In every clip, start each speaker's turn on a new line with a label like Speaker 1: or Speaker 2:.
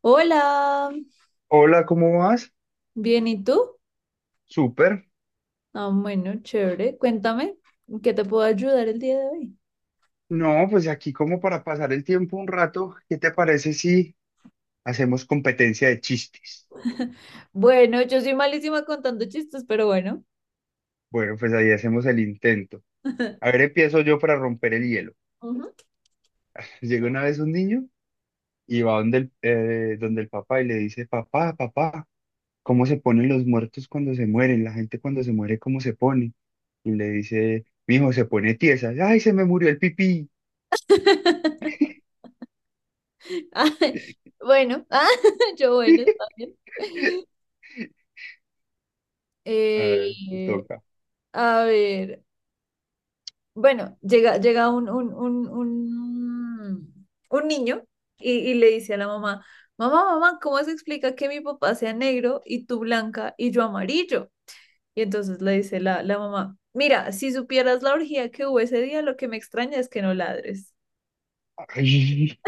Speaker 1: Hola,
Speaker 2: Hola, ¿cómo vas?
Speaker 1: bien, ¿y tú?
Speaker 2: Súper.
Speaker 1: Ah, bueno, chévere. Cuéntame, ¿en ¿qué te puedo ayudar el día de hoy?
Speaker 2: No, pues aquí como para pasar el tiempo un rato, ¿qué te parece si hacemos competencia de chistes?
Speaker 1: Bueno, yo soy malísima contando chistes, pero bueno.
Speaker 2: Bueno, pues ahí hacemos el intento. A ver, empiezo yo para romper el hielo.
Speaker 1: Ujú.
Speaker 2: Llega una vez un niño y va donde donde el papá y le dice, papá, papá, ¿cómo se ponen los muertos cuando se mueren? La gente cuando se muere, ¿cómo se pone? Y le dice, mijo, se pone tiesa. Ay, se me murió el pipí.
Speaker 1: Ay, bueno, yo bueno, está bien.
Speaker 2: A ver, te
Speaker 1: Eh,
Speaker 2: toca.
Speaker 1: a ver, bueno, llega un niño y le dice a la mamá, mamá, mamá, ¿cómo se explica que mi papá sea negro y tú blanca y yo amarillo? Y entonces le dice la mamá, mira, si supieras la orgía que hubo ese día, lo que me extraña es que no ladres.
Speaker 2: Ay,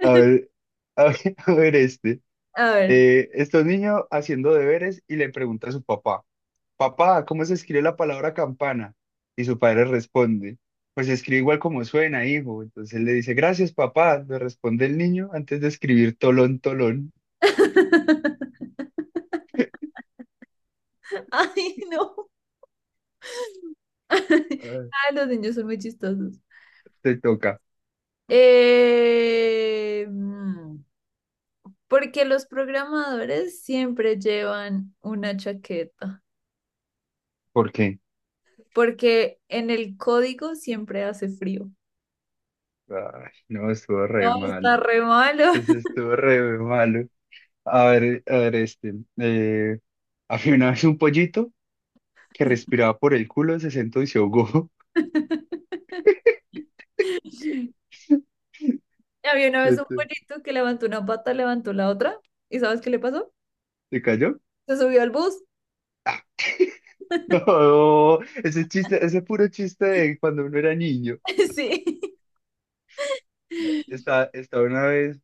Speaker 2: a ver, a ver, a ver este.
Speaker 1: A ver.
Speaker 2: Está un niño haciendo deberes y le pregunta a su papá, papá, ¿cómo se escribe la palabra campana? Y su padre responde, pues se escribe igual como suena, hijo. Entonces él le dice, gracias, papá, le responde el niño antes de escribir tolón, tolón.
Speaker 1: Ay, no.
Speaker 2: Ah,
Speaker 1: Ay, los niños son muy chistosos.
Speaker 2: te toca.
Speaker 1: Eh, mm, Porque los programadores siempre llevan una chaqueta,
Speaker 2: ¿Por qué?
Speaker 1: porque en el código siempre hace frío.
Speaker 2: Ay, no, estuvo re
Speaker 1: No,
Speaker 2: malo.
Speaker 1: está re malo.
Speaker 2: Eso estuvo re malo. A ver este. Había una vez un pollito que respiraba por el culo, se sentó y se ahogó.
Speaker 1: Había una vez
Speaker 2: ¿Se
Speaker 1: un
Speaker 2: te-
Speaker 1: bonito que levantó una pata, levantó la otra, ¿y sabes qué le pasó?
Speaker 2: ¿Te cayó?
Speaker 1: Se subió al bus.
Speaker 2: No, ese chiste, ese puro chiste de cuando uno era niño.
Speaker 1: Sí.
Speaker 2: Estaba una vez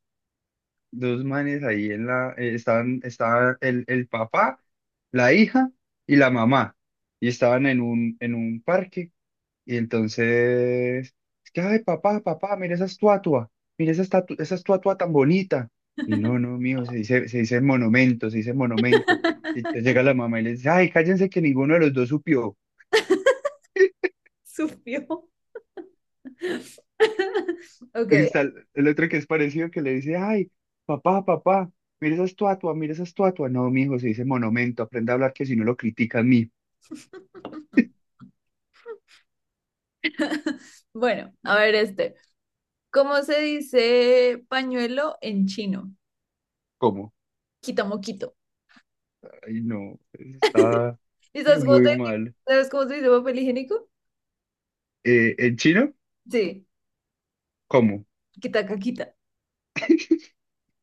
Speaker 2: dos manes ahí en estaban, estaba el papá, la hija y la mamá. Y estaban en en un parque. Y entonces, es que, ay, papá, papá, mira esa estatua tan bonita. Y no, no, mijo, se dice monumento, se dice monumento. Y entonces llega la mamá y le dice, ay, cállense que ninguno de los dos supió.
Speaker 1: Sufrió. Ok.
Speaker 2: Y está el otro que es parecido que le dice, ay, papá, papá, mira esa estatua, mira esa estatua. No, mi hijo, se dice monumento, aprende a hablar que si no lo critica a mí.
Speaker 1: Bueno, a ver este. ¿Cómo se dice pañuelo en chino?
Speaker 2: ¿Cómo?
Speaker 1: Quita moquito.
Speaker 2: Ay, no, eso está
Speaker 1: ¿Y sabes cómo se
Speaker 2: muy
Speaker 1: dice,
Speaker 2: mal.
Speaker 1: sabes cómo se dice papel higiénico?
Speaker 2: ¿En chino?
Speaker 1: Sí,
Speaker 2: ¿Cómo?
Speaker 1: quita caquita.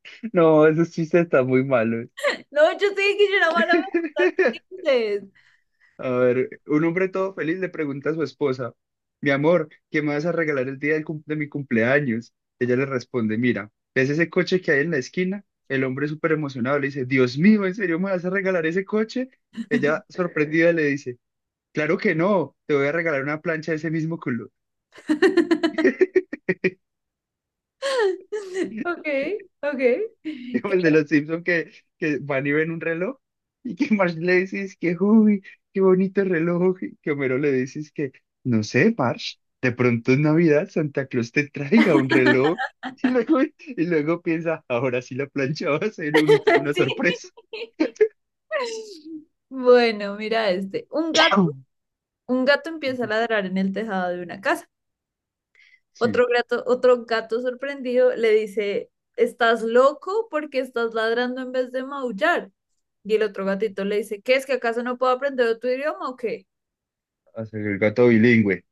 Speaker 2: No, esos chistes están muy malos.
Speaker 1: No, yo sé que yo era mala para inglés.
Speaker 2: A ver, un hombre todo feliz le pregunta a su esposa, mi amor, ¿qué me vas a regalar el día de mi cumpleaños? Ella le responde, mira, ¿ves ese coche que hay en la esquina? El hombre súper emocionado le dice, Dios mío, ¿en serio me vas a regalar ese coche? Ella sorprendida le dice, claro que no, te voy a regalar una plancha de ese mismo color.
Speaker 1: Ok, ok. ¿Qué-
Speaker 2: Como el de los Simpsons que van y ven un reloj y que Marge le dice es que, uy, qué bonito reloj. Y que Homero le dice es que, no sé, Marge, de pronto en Navidad Santa Claus te traiga un reloj. Y luego piensa, ahora sí la plancha va a ser una
Speaker 1: Sí.
Speaker 2: sorpresa.
Speaker 1: Bueno, mira este. Un gato,
Speaker 2: ¡Chao!
Speaker 1: un gato empieza a ladrar en el tejado de una casa.
Speaker 2: Sí,
Speaker 1: Otro gato sorprendido le dice, ¿estás loco porque estás ladrando en vez de maullar? Y el otro gatito le dice, ¿qué es que acaso no puedo aprender otro idioma o qué?
Speaker 2: hacer el gato bilingüe.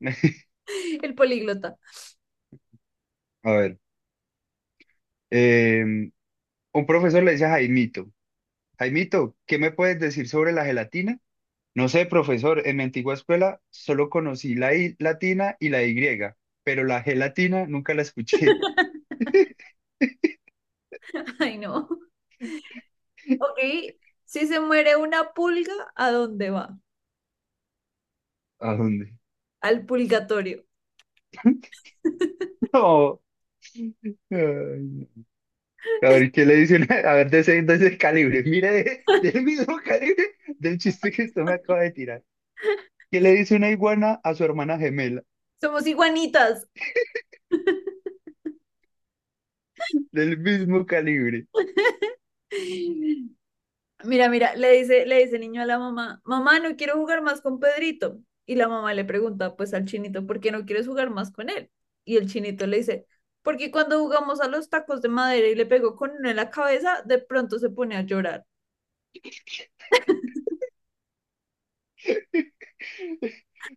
Speaker 1: El políglota.
Speaker 2: A ver, eh, un profesor le dice a Jaimito, Jaimito, ¿qué me puedes decir sobre la gelatina? No sé, profesor, en mi antigua escuela solo conocí la I latina y la Y, pero la G latina nunca la escuché.
Speaker 1: Ay, no. Ok, si se muere una pulga, ¿a dónde va?
Speaker 2: ¿A dónde?
Speaker 1: Al pulgatorio.
Speaker 2: No. Ay, no. A ver, ¿qué le dicen? A ver, de ese calibre. Mire, del mismo calibre del chiste que usted me acaba de tirar. ¿Qué le dice una iguana a su hermana gemela?
Speaker 1: Somos iguanitas.
Speaker 2: Del mismo calibre.
Speaker 1: Mira, mira, le dice el niño a la mamá, mamá, no quiero jugar más con Pedrito. Y la mamá le pregunta, pues al chinito, ¿por qué no quieres jugar más con él? Y el chinito le dice, porque cuando jugamos a los tacos de madera y le pegó con uno en la cabeza, de pronto se pone a llorar.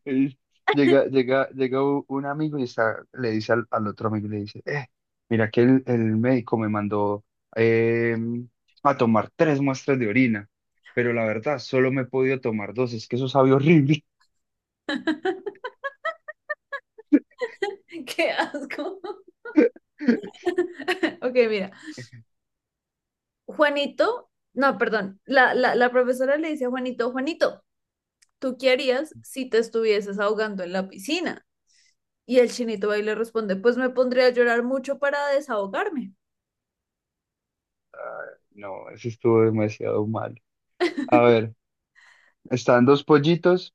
Speaker 2: Y llega un amigo y está, le dice al otro amigo, le dice, mira que el médico me mandó em, a tomar tres muestras de orina, pero la verdad solo me he podido tomar dos, es que eso sabe horrible.
Speaker 1: ¡Qué asco! Ok, mira, Juanito, no, perdón, la profesora le dice a Juanito, Juanito, ¿tú qué harías si te estuvieses ahogando en la piscina? Y el chinito ahí le responde, pues me pondría a llorar mucho para desahogarme.
Speaker 2: No, eso estuvo demasiado mal. A ver, están dos pollitos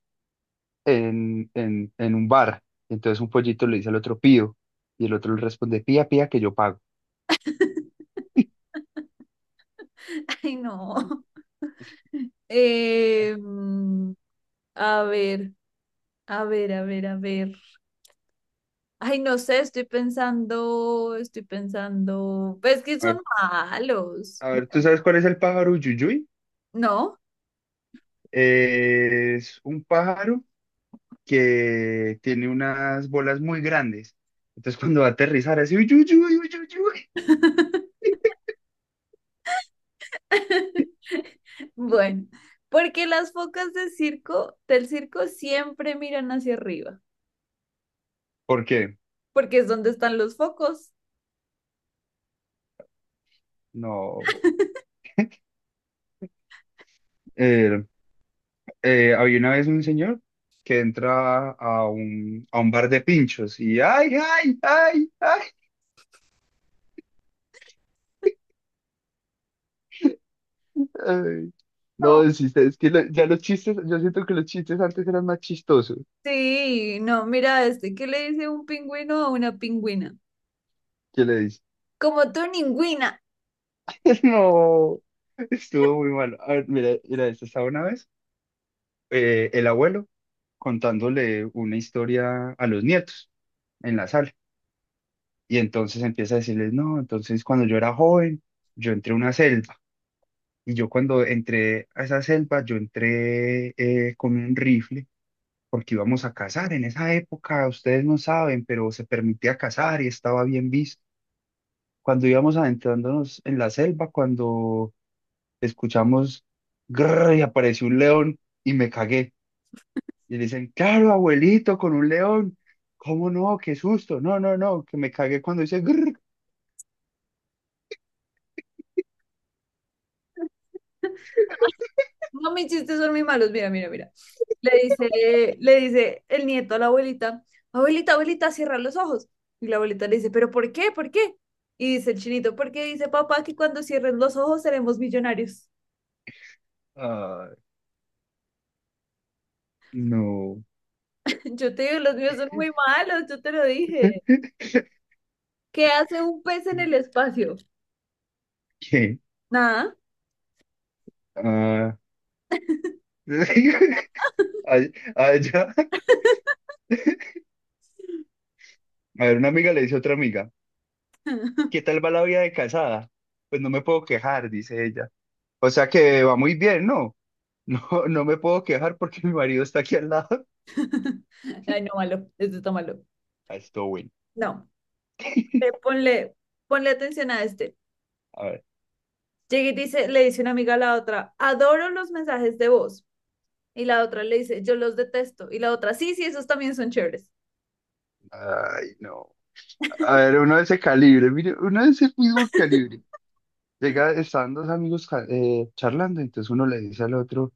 Speaker 2: en, en un bar, entonces un pollito le dice al otro, pío, y el otro le responde, pía, pía, que yo pago.
Speaker 1: Ay, no. Eh, mm, a ver, a ver. Ay, no sé, estoy pensando, estoy pensando. Pues que
Speaker 2: A ver,
Speaker 1: son malos.
Speaker 2: a ver, ¿tú
Speaker 1: Bueno,
Speaker 2: sabes cuál es el pájaro Yuyuy?
Speaker 1: no.
Speaker 2: Es un pájaro que tiene unas bolas muy grandes. Entonces cuando va a aterrizar, así, uy, uy, uy, uy, uy, uy.
Speaker 1: Bueno, porque las focas de circo, del circo siempre miran hacia arriba,
Speaker 2: ¿Por qué?
Speaker 1: porque es donde están los focos.
Speaker 2: No. Eh, Había una vez un señor que entra a a un bar de pinchos y ¡ay, ay, ay, ay! Ay.
Speaker 1: No.
Speaker 2: No, es que ya los chistes, yo siento que los chistes antes eran más chistosos.
Speaker 1: Sí, no, mira este, ¿qué le dice un pingüino a una pingüina?
Speaker 2: ¿Qué le dices?
Speaker 1: Como tu ningüina.
Speaker 2: No, estuvo muy mal. A ver, mira, mira, esto estaba una vez. El abuelo contándole una historia a los nietos en la sala. Y entonces empieza a decirles, no, entonces cuando yo era joven, yo entré a una selva. Y yo cuando entré a esa selva, yo entré con un rifle porque íbamos a cazar. En esa época, ustedes no saben, pero se permitía cazar y estaba bien visto. Cuando íbamos adentrándonos en la selva, cuando escuchamos grrr y apareció un león y me cagué. Y le dicen, claro, abuelito, con un león. ¿Cómo no? Qué susto. No, no, no, que me cagué cuando hice grrr.
Speaker 1: No, mis chistes son muy malos. Mira, mira, mira. Le dice el nieto a la abuelita, abuelita, abuelita, cierra los ojos. Y la abuelita le dice, ¿pero por qué? ¿Por qué? Y dice el chinito, porque dice papá que cuando cierres los ojos seremos millonarios.
Speaker 2: Ah, no.
Speaker 1: Yo te digo, los míos son muy malos, yo te lo dije. ¿Qué hace un pez en el espacio?
Speaker 2: ¿Qué?
Speaker 1: Nada.
Speaker 2: Ah. Ay- Allá. A ver, una amiga le dice a otra amiga, ¿qué tal va la vida de casada? Pues no me puedo quejar, dice ella. O sea que va muy bien, ¿no? No, no me puedo quejar porque mi marido está aquí al lado.
Speaker 1: Ay, no, malo, esto está malo.
Speaker 2: Ah, estuvo bueno.
Speaker 1: No, ponle, ponle atención a este.
Speaker 2: A ver.
Speaker 1: Llega y dice, le dice una amiga a la otra, adoro los mensajes de voz. Y la otra le dice, yo los detesto. Y la otra, sí, sí, esos también son chéveres.
Speaker 2: Ay, no. A ver, uno de ese calibre, mire, uno de ese mismo calibre. Llega, estaban dos amigos charlando, entonces uno le dice al otro,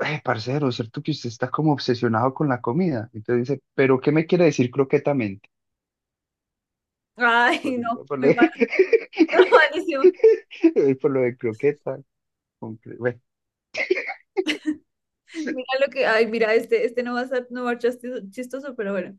Speaker 2: parcero, ¿cierto que usted está como obsesionado con la comida? Entonces dice, ¿pero qué me quiere decir croquetamente? Por,
Speaker 1: Ay, no,
Speaker 2: por lo
Speaker 1: muy
Speaker 2: de,
Speaker 1: mal, malísimo.
Speaker 2: por lo de croqueta. Bueno,
Speaker 1: Mira lo que, ay, mira, este no va a ser, no va a ser chistoso, chistoso, pero bueno.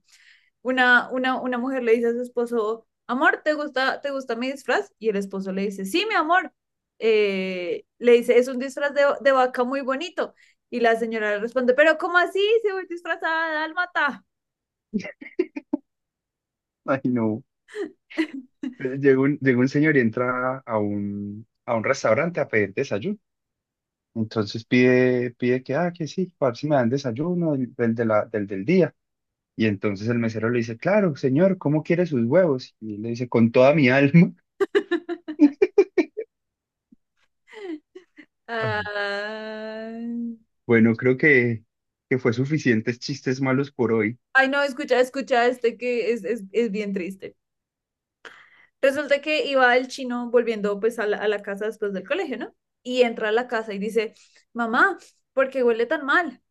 Speaker 1: Una mujer le dice a su esposo, amor, te gusta mi disfraz? Y el esposo le dice, sí, mi amor. Le dice, es un disfraz de vaca muy bonito. Y la señora le responde, pero ¿cómo así? Se voy disfrazada de dálmata.
Speaker 2: ay no. Llega un señor y entra a a un restaurante a pedir desayuno. Entonces pide, pide que, ah, que sí, para ver si me dan desayuno del, del de la, del del día. Y entonces el mesero le dice, claro, señor, ¿cómo quiere sus huevos? Y él le dice, con toda mi alma. Ay.
Speaker 1: Ay,
Speaker 2: Bueno, creo que fue suficientes chistes malos por hoy.
Speaker 1: ay, no, escucha, escucha, este que es bien triste. Resulta que iba el chino volviendo pues a a la casa después del colegio, ¿no? Y entra a la casa y dice, mamá, ¿por qué huele tan mal?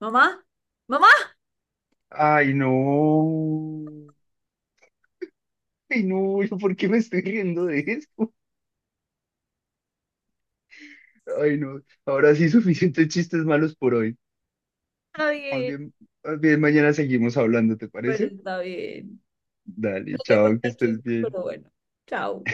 Speaker 1: Mamá, mamá.
Speaker 2: Ay, no. Ay, no, ¿yo ¿por qué me estoy riendo de esto? Ay, no. Ahora sí, suficientes chistes malos por hoy.
Speaker 1: Está
Speaker 2: Más
Speaker 1: bien.
Speaker 2: bien, más bien mañana seguimos hablando, ¿te
Speaker 1: Bueno,
Speaker 2: parece?
Speaker 1: está bien. No
Speaker 2: Dale,
Speaker 1: te conté
Speaker 2: chao, que
Speaker 1: el
Speaker 2: estés
Speaker 1: chiste,
Speaker 2: bien.
Speaker 1: pero bueno, chao.